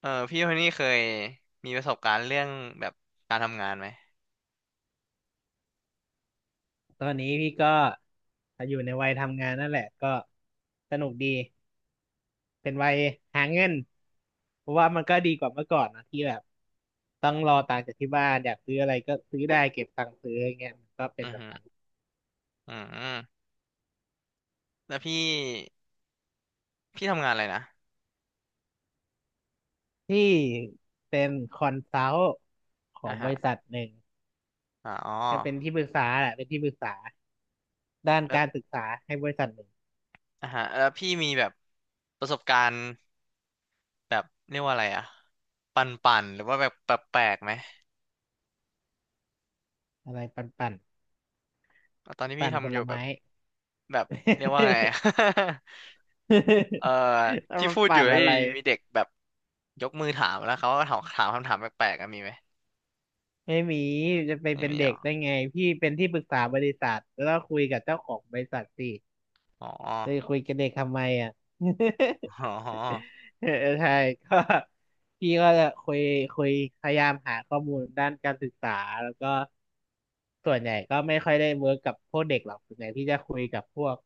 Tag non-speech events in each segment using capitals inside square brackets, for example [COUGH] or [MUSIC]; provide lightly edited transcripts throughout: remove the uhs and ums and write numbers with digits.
เออพี่คนนี้เคยมีประสบการณ์เรื่องแบบการทำงานไหมตอนนี้พี่ก็อยู่ในวัยทำงานนั่นแหละก็สนุกดีเป็นวัยหาเงินเพราะว่ามันก็ดีกว่าเมื่อก่อนนะที่แบบต้องรอตังค์จากที่บ้านอยากซื้ออะไรก็ซื้อได้เก็บตังค์ซื้ออย่างเงี้ยมันก็เป็นอือแบบฮึนั้นออืมแล้วพี่ทำงานอะไรนะที่เป็นคอนซัลท์ขออ่างบฮะริษัทหนึ่งอ๋อจะเป็นที่ปรึกษาแหละเป็นที่ปรึกษาด้านแล้วการศึกษาให้บริษัทหนึ่งอ่าฮะแล้วพี่มีแบบประสบการณ์แบบเรียกว่าอะไรอะปันป่นๆหรือว่าแบบแปลกๆไหมอะไรปั่นปั่นตอนที่พี่ปั่นผทำอลยู่ไม้ แบบเรียกว่าไง [LAUGHS] เออ [LAUGHS] เอาพี่มาพูดอปั่ยู่นแล้วอะอยู่ไร ดีมีเด็กแบบยกมือถามแล้วเขาก็ถามคำถามแปลกๆอะมีไหมไม่มีจะไปไม่เป็นมีหรเด็กอได้ไงพี่เป็นที่ปรึกษาบริษัทแล้วก็คุยกับเจ้าของบริษัทสิอ๋อจะคุยกับเด็กทำไมอ่ะ อ๋อ [LAUGHS] เออใช่ก็พี่ก็จะคุยพยายามหาข้อมูลด้านการศึกษาแล้วก็ส่วนใหญ่ก็ไม่ค่อยได้เวิร์กกับพวกเด็กหรอกส่วนใหญ่พี่จะคุยกับพวก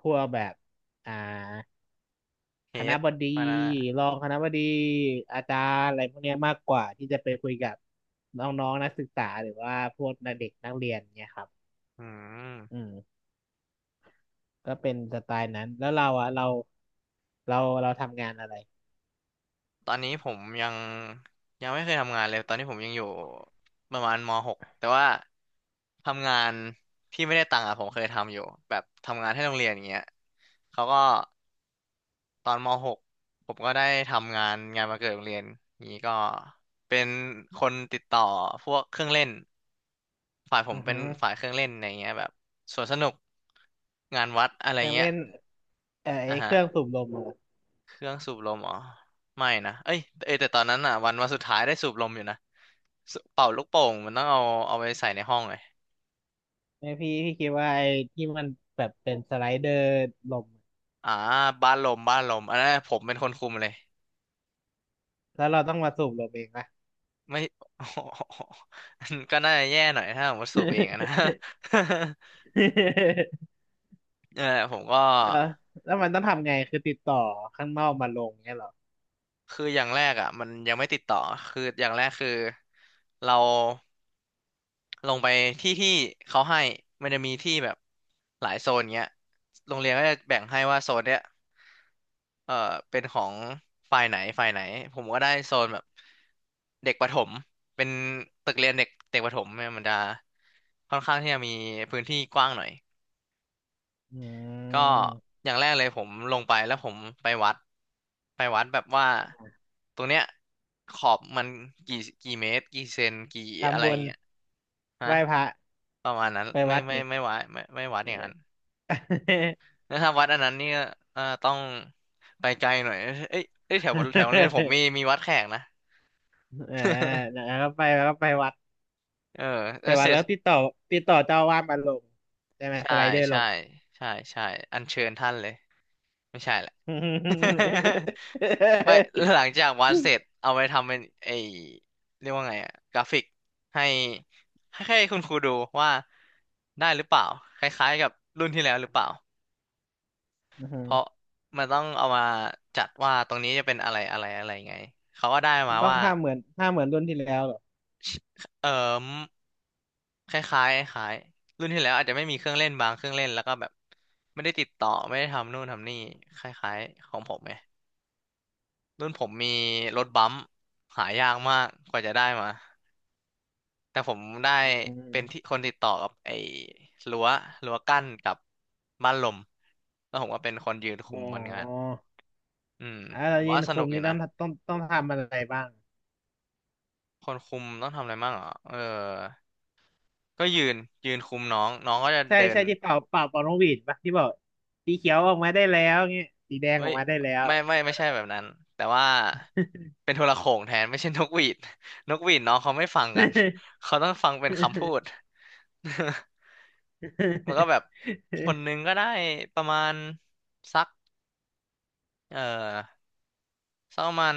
พวกแบบอ่า เฮคณะดบดีมานะรองคณะบดีอาจารย์อะไรพวกเนี้ยมากกว่าที่จะไปคุยกับน้องๆนักศึกษาหรือว่าพวกเด็กนักเรียนเนี่ยครับอืมอืมก็เป็นสไตล์นั้นแล้วเราอะเราเราทำงานอะไรตอนนี้ผมยังไม่เคยทำงานเลยตอนนี้ผมยังอยู่ประมาณมหกแต่ว่าทำงานที่ไม่ได้ตังค์อะผมเคยทำอยู่แบบทำงานให้โรงเรียนอย่างเงี้ยเขาก็ตอนมหกผมก็ได้ทำงานงานวันเกิดโรงเรียนนี้ก็เป็นคนติดต่อพวกเครื่องเล่นฝ่ายผอืมอเป็ฮึนฝ่ายเครื่องเล่นอะไรเงี้ยแบบสวนสนุกงานวัดอะไรเครื่องเงี้ยเล่นอ่ะไอ้เคฮะ รื่องสูบลมอะเครื่องสูบลมอ๋อไม่นะเอ้ยเอยแต่ตอนนั้นอ่ะวันสุดท้ายได้สูบลมอยู่นะสูเป่าลูกโป่งมันต้องเอาเอาไปใส่ในห้องเลยไม่พี่คิดว่าไอ้ที่มันแบบเป็นสไลเดอร์ลมอ่าบ้านลมอันนั้นผมเป็นคนคุมเลยแล้วเราต้องมาสูบลมเองปะ ไม่ [LAUGHS] ก็น่าจะแย่หน่อยถ้าผมว่าสูบเองอะนะ [LAUGHS] [LAUGHS] เออผมก็ เออแล้วมันต้องทำไงคือติดต่อข้างนอกมาลงเงี้ยเหรอคืออย่างแรกอ่ะมันยังไม่ติดต่อคืออย่างแรกคือเราลงไปที่เขาให้มันจะมีที่แบบหลายโซนเงี้ยโรงเรียนก็จะแบ่งให้ว่าโซนเนี้ยเอ่อเป็นของฝ่ายไหนผมก็ได้โซนแบบเด็กประถมเป็นตึกเรียนเด็กเด็กประถมเนี่ยมันจะค่อนข้างที่จะมีพื้นที่กว้างหน่อย อืก็ม อย่างแรกเลยผมลงไปแล้วผมไปวัดแบบว่าตรงเนี้ยขอบมันกี่เมตรกี่เซนกี่อะไรทำบุญเงี้ยฮะไหว้พระประมาณนั้นไปวัดไง ไม่วัดไม่ไม่วัดอย่างนั้นแล้วถ้าวัดอันนั้นนี่ก็ต้องไปไกลหน่อยเอ้ยแถวแถวโรงเรียนผม[LAUGHS] มีวัดแขกนะ อ่าแล้ [LAUGHS] วก็ไปแล้วก็ไปวัดเออเอไปอวัเสดร็จแล้วติดต่อติดต่อเจ้าอาวาสมาลงใช่ไหมสใช่ไลเดอร์ลใช่ง ใช่ใช่อัญเชิญท่านเลยไม่ใช่แหละ [LAUGHS] อื [LAUGHS] ไม่หลังจากวาดเสร็จเอาไปทำเป็นไอเรียกว่าไงอะกราฟิกให้ให้คุณครูดูว่าได้หรือเปล่าคล้ายๆกับรุ่นที่แล้วหรือเปล่าอฮึเพราะมันต้องเอามาจัดว่าตรงนี้จะเป็นอะไรอะไรอะไรไงเขาก็ได้มัมานต้องว่าห้าหมื่นรุ่นที่แล้วเหรอเออมคล้ายๆคล้ายรุ่นที่แล้วอาจจะไม่มีเครื่องเล่นแล้วก็แบบไม่ได้ติดต่อไม่ได้ทำนู่นทำนี่คล้ายๆของผมไง รุ่นผมมีรถบัมป์หายากมากกว่าจะได้มาแต่ผมได้อืมเป็นที่คนติดต่อกับไอ้รั้วกั้นกับบ้านลมแล้วผมก็เป็นคนยืนคุอ๋มมันงานออืมอ่ะผเรามยืว่านสคุนุกมอยู่นี่ต้นะองต้องต้องทำอะไรบ้างคนคุมต้องทำอะไรบ้างเหรอเออก็ยืนยืนคุมน้องน้องก็จะใช่เดิน ใช่ที่เป่าเป่าเป่านกหวีดปะที่บอกสีเขียวออกมาได้แล้วเงี้ยสีแดงเอ้ออยกมาได้แล้ว ไม่ใช่แบบนั้นแต่ว่าเป็นโทรโข่งแทนไม่ใช่นกหวีด [LAUGHS] นกหวีดน้องเขาไม่ฟังกันเขาต้องฟังเป็นคำพู [LAUGHS] ด [LAUGHS] มันก็แบบคน [LAUGHS] นึงก็ได้ประมาณสักเอ่อสักประมาณ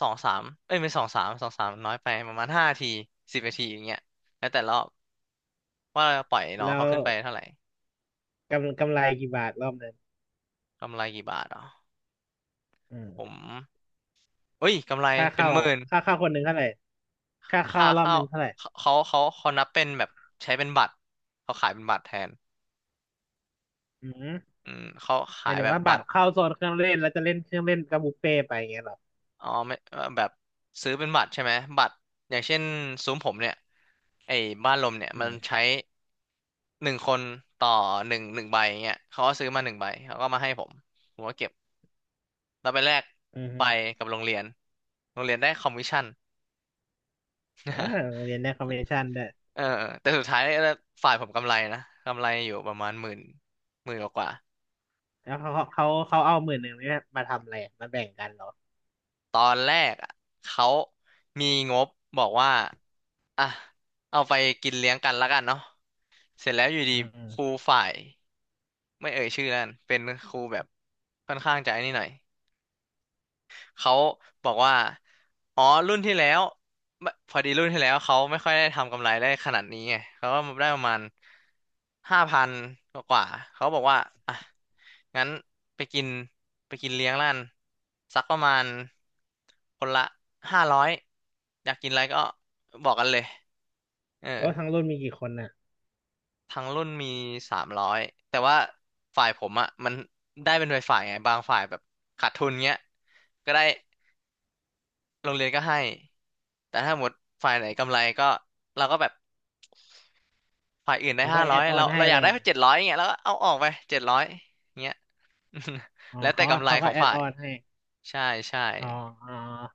สองสามเอ้ยไม่สองสามน้อยไปประมาณห้าทีสิบนาทีอย่างเงี้ยแล้วแต่รอบว่าเราปล่อยน้องแล้เขาวขึ้นไปเท่าไหร่กำไรกี่บาทรอบหนึ่งกำไรกี่บาทอ๋ออืมผมเอ้ยกำไรค่าเป็นเข้าหอะมื่น ค่าเข้าคนหนึ่งเท่าไหร่ค่าค่าเข้ารอบข้าหวนึ่งเท่าไหร่เขาเขาเขานับเป็นแบบใช้เป็นบัตรเขาขายเป็นบัตรแทนอืมอืมเขาหขามายยถึแบงบว่าบับัตตรรเข้าโซนเครื่องเล่นแล้วจะเล่นเครื่องเล่นกับบุฟเฟ่ต์ไปอย่างเงี้ยเหรออ๋อไม่แบบซื้อเป็นบัตรใช่ไหมบัตรอย่างเช่นซุ้มผมเนี่ยไอ้บ้านลมเนี่ยอืมันใช้มหนึ่งคนต่อหนึ่งใบเงี้ยเขาก็ซื้อมาหนึ่งใบเขาก็มาให้ผมผมก็เก็บแล้วไปแลกอืใบมกับโรงเรียนโรงเรียนได้คอมมิชชั่นเออโรงเรียนได้คอมมิชชั่นด้วยเออแต่สุดท้ายฝ่ายผมกำไรนะกำไรอยู่ประมาณหมื่นหมื่นกว่า แล้วเขาเอาหมื่นหนึ่งนี่มาทำอะไรอะมาแบ่งกันเหรอตอนแรกอะเขามีงบบอกว่าอ่ะเอาไปกินเลี้ยงกันแล้วกันเนาะเสร็จแล้วอยู่ดีอืมอืมครูฝ่ายไม่เอ่ยชื่อนั่นเป็นครูแบบค่อนข้างจะไอ้นี่หน่อย เขาบอกว่าอ๋อรุ่นที่แล้วไม่พอดีรุ่นที่แล้วเขาไม่ค่อยได้ทำกำไรได้ขนาดนี้ไงเขาก็ได้ประมาณห้าพันกว่าๆเขาบอกว่าอ่ะงั้นไปกินกินเลี้ยงร้านสักประมาณคนละห้าร้อยอยากกินอะไรก็บอกกันเลยเออโอ้ทั้งรุ่นมีกี่คนน่ะทั้งรุ่นมีสามร้อยแต่ว่าฝ่ายผมอ่ะมันได้เป็นฝ่ายๆไงบางฝ่ายแบบขาดทุนเงี้ยก็ได้ โรงเรียนก็ให้ แต่ถ้าหมดฝ่ายไหนกำไรก็เราก็แบบฝ่ายอื่นได้เขาก็ห้าแอร้อยดออนให้เราอไปยากได้เจ็ดร้อยเงี้ยแล้วก็เอาออกไปเจ็ดร้อยเงี้ย อ๋อ [LAUGHS] แล้วแต่เขาก็กำไรเขาขก็องแอดฝ่าอยอนให้ ใช่ใช่อ๋ออ๋อ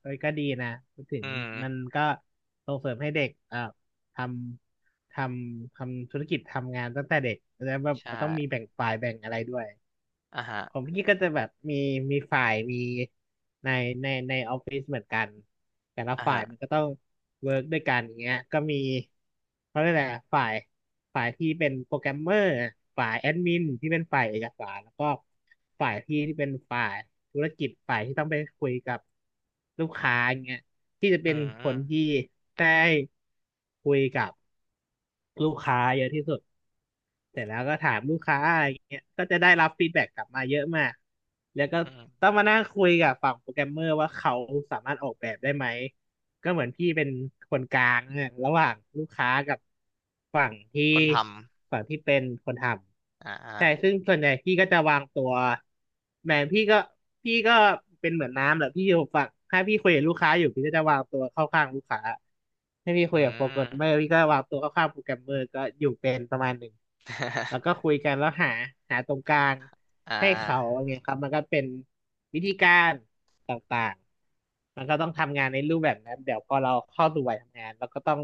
เฮ้ยก็ดีนะพูดถึอืงมันมมันก็ส่งเสริมให้เด็กทำททำธุรกิจทำงานตั้งแต่เด็กแล้วแบบใชมันต้องมีแบ่่งฝ่ายแบ่งอะไรด้วย อ่ะฮะของพี่ก็จะแบบมีฝ่ายมีในในในออฟฟิศเหมือนกันแต่ละอ่ะฝ่ายฮะมันก็ต้องเวิร์กด้วยกันอย่างเงี้ยก็มีเขาเรียกอะไรอะฝ่ายที่เป็นโปรแกรมเมอร์ฝ่ายแอดมินที่เป็นฝ่ายเอกสารแล้วก็ฝ่ายพี่ที่เป็นฝ่ายธุรกิจฝ่ายที่ต้องไปคุยกับลูกค้าอย่างเงี้ยที่จะอืเป็นมอืคมนที่ได้คุยกับลูกค้าเยอะที่สุด เสร็จแล้วก็ถามลูกค้าอะไรเงี้ยก็จะได้รับฟีดแบ็กกลับมาเยอะมาก แล้วก็อืมต้องมานั่งคุยกับฝั่งโปรแกรมเมอร์ว่าเขาสามารถออกแบบได้ไหม ก็เหมือนพี่เป็นคนกลางเนี่ยระหว่างลูกค้ากับฝั่งที่คนทฝั่งที่เป็นคนทำอ่าอ่าำ ใช่ซึ่งส่วนใหญ่พี่ก็จะวางตัวแหมพี่ก็เป็นเหมือนน้ำแหละพี่อยู่ฝั่งถ้าพี่คุยกับลูกค้าอยู่พี่ก็จะวางตัวเข้าข้างลูกค้าให้าพี่อืคุยกับโปรแกรมเมอร์ม พี่ก็วางตัวเข้าข้างโปรแกรมเมอร์ก็อยู่เป็นประมาณหนึ่งแล้วก็ [LAUGHS] คุยกันแล้วหาตรงกลางอ่ให้เขาาอย่างเงี้ยครับมันก็เป็นวิธีการต่างๆ มันก็ต้องทำงานในรูปแบบนั้นเดี๋ยวพอเราเข้าสู่วัยทำงานเราก็ต้อง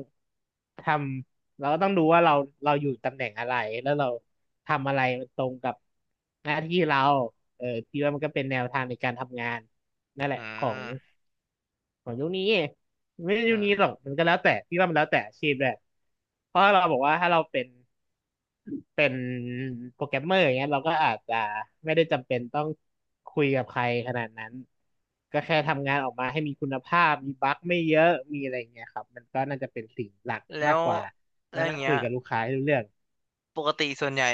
ทำเราก็ต้องดูว่าเราเราอยู่ตำแหน่งอะไรแล้วเราทำอะไรมันตรงกับหน้าที่เราเออพี่ว่ามันก็เป็นแนวทางในการทำงานนั่นแหอืละของมของยุคนี้ไม่ใช่อืยุคมนี้หรอกมันก็แล้วแต่พี่ว่ามันแล้วแต่อาชีพแหละเพราะเราบอกว่าถ้าเราเป็น เป็นโปรแกรมเมอร์อย่างเงี้ยเราก็อาจจะไม่ได้จำเป็นต้องคุยกับใครขนาดนั้นก็แค่ทำงานออกมาให้มีคุณภาพมีบั๊กไม่เยอะมีอะไรอย่างเงี้ยครับมันก็น่าจะเป็นสิ่งหลักแล้มากวกว่าแล้มาวอนั่ย่างงเงี้คุยยกับลูกค้าให้รู้เรื่องปกติส่วนใหญ่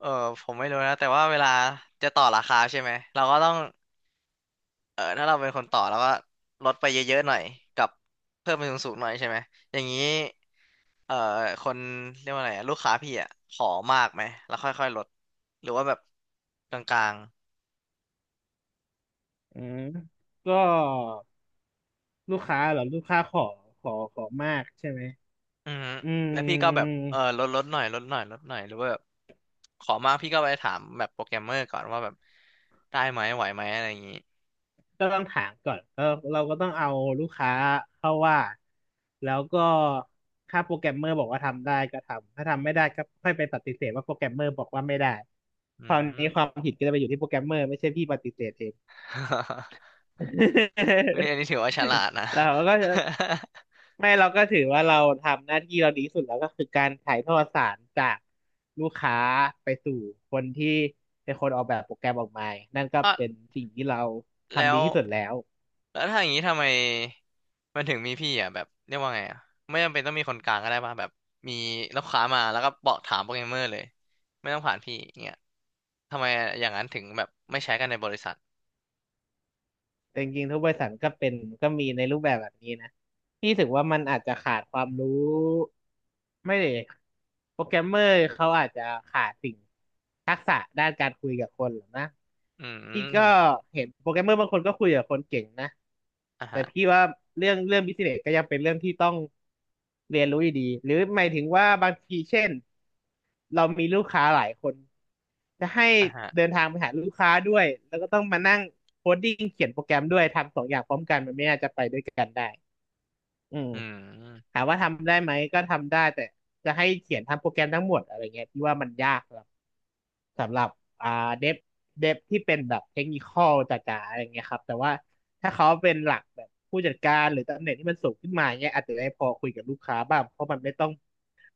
เออผมไม่รู้นะแต่ว่าเวลาจะต่อราคาใช่ไหมเราก็ต้อง เออถ้าเราเป็นคนต่อแล้วก็ลดไปเยอะๆหน่อยกับเพิ่มไปสูงๆหน่อยใช่ไหมอย่างนี้เอ่อคนเรียกว่าอะไรอะลูกค้าพี่อ่ะขอมากไหมแล้วค่อยๆลดหรือว่าแบบกลางอืมก็ลูกค้าเหรอลูกค้าขอขอมากใช่ไหมๆอือฮึแล้วอืพี่ก็แบบเอม อลดหน่อยลดหน่อยหรือว่าแบบขอมากพี่ก็ไปถามแบบโปรแกรมเมอร์ก่อนว่าแบบได้ไหมไหวไหมอะไรอย่างนี้ก็ต้องถามก่อนเออเราก็ต้องเอาลูกค้าเข้าว่าแล้วก็ถ้าโปรแกรมเมอร์บอกว่าทำได้ก็ทำถ้าทำไม่ได้ก็ค่อยไปปฏิเสธว่าโปรแกรมเมอร์บอกว่าไม่ได้คอืราวม นี้ความผิดก็จะไปอยู่ที่โปรแกรมเมอร์ไม่ใช่พี่ปฏิเสธเอง [LAUGHS] เฮ้ยอันนี้ถือว่าฉ [LAUGHS] ลาดนะ เราก็จะ [LAUGHS] ไม่เราก็ถือว่าเราทำหน้าที่เราดีที่สุดแล้วก็คือการถ่ายทอดสารจากลูกค้าไปสู่คนที่เป็นคนออกแบบโปรแกรมออกมานั่นก็อ่ะเป็นสิ่งที่เราแล้ทำดีว ที่สุดแล้ว แล้วถ้าอย่างนี้ทำไมมันถึงมีพี่อ่ะแบบเรียกว่าไงอ่ะไม่จำเป็นต้องมีคนกลางก็ได้ป่ะแบบมีลูกค้ามาแล้วก็บอกถามโปรแกรมเมอร์เลยไม่ต้องผ่านพี่อย่างเงี้ยทำไมอย่างนั้นถึงแบบไม่ใช้กันในบริษัทแต่จริงๆทุกบริษัทก็เป็นก็มีในรูปแบบแบบนี้นะพี่รู้สึกว่ามันอาจจะขาดความรู้ไม่เลยโปรแกรมเมอร์เขาอาจจะขาดสิ่งทักษะด้านการคุยกับคนหรอกนะอืพี่ก็มเห็นโปรแกรมเมอร์บางคนก็คุยกับคนเก่งนะอ่ะแต่ฮะพี่ว่าเรื่องบิสเนสก็ยังเป็นเรื่องที่ต้องเรียนรู้อยู่ดีหรือหมายถึงว่าบางทีเช่น เรามีลูกค้าหลายคนจะให้อ่ะฮะเดินทางไปหาลูกค้าด้วยแล้วก็ต้องมานั่งโคดดิ้งเขียนโปรแกรมด้วยทำสองอย่างพร้อมกันมันไม่น่าจะไปด้วยกันได้อืมอืมถามว่าทำได้ไหมก็ทำได้แต่จะให้เขียนทำโปรแกรมทั้งหมดอะไรเงี้ยที่ว่ามันยาก สำหรับอ่าเดฟเดฟที่เป็นแบบเทคนิคอลจ๋าๆอะไรเงี้ยครับแต่ว่าถ้าเขาเป็นหลักแบบผู้จัดการหรือตำแหน่งที่มันสูงขึ้นมาเงี้ยอาจจะได้พอคุยกับลูกค้าบ้างเพราะมันไม่ต้อง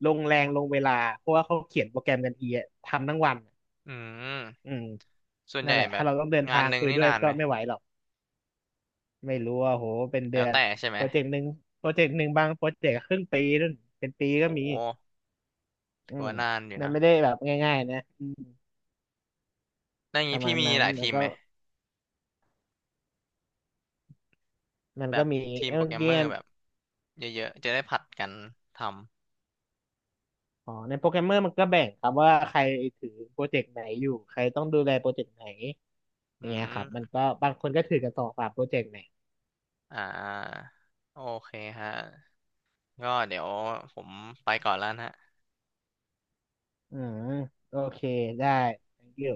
ลงแรงลงเวลาเพราะว่าเขาเขียนโปรแกรมกันเองอะทำทั้งวันอะอือืมมส่วนใหนั่นญ่แหละแบถ้าบเราต้องเดินงาทานงหนึ่งคุยนี่ด้วยนานก็ไหมไม่ไหวหรอกไม่รู้ว่าโหเป็นเดืแล้วอนแต่ใช่ไหมโปรเจกต์หนึ่งโปรเจกต์หนึ่งบางโปรเจกต์ครึ่งปีนู่นเป็นปีโก็มีหอืถือมว่านานอยู่นั่นนะไม่ได้แบบง่ายๆนะอืมแล้วอย่างปนี้ระพี่มาณมีนั้หนลายแล้ทีวมก็ไหมมันแบก็บมีทีมเอ้ยโปรแกเมื่รอมเมกี้ อร์แบบเยอะๆจะได้ผัดกันทำอ๋อในโปรแกรมเมอร์มันก็แบ่งครับว่าใครถือโปรเจกต์ไหนอยู่ใครต้องดูแลโปรเจกต์ไหนออืย่างเงี้ยครับมันม ก็บางคนก็ถือกันสองสามโปรเจกต์เนี่ยอ่าโอเคฮะก็เดี๋ยวผมไปก่อนแล้วนะฮะอืมโอเคได้ thank you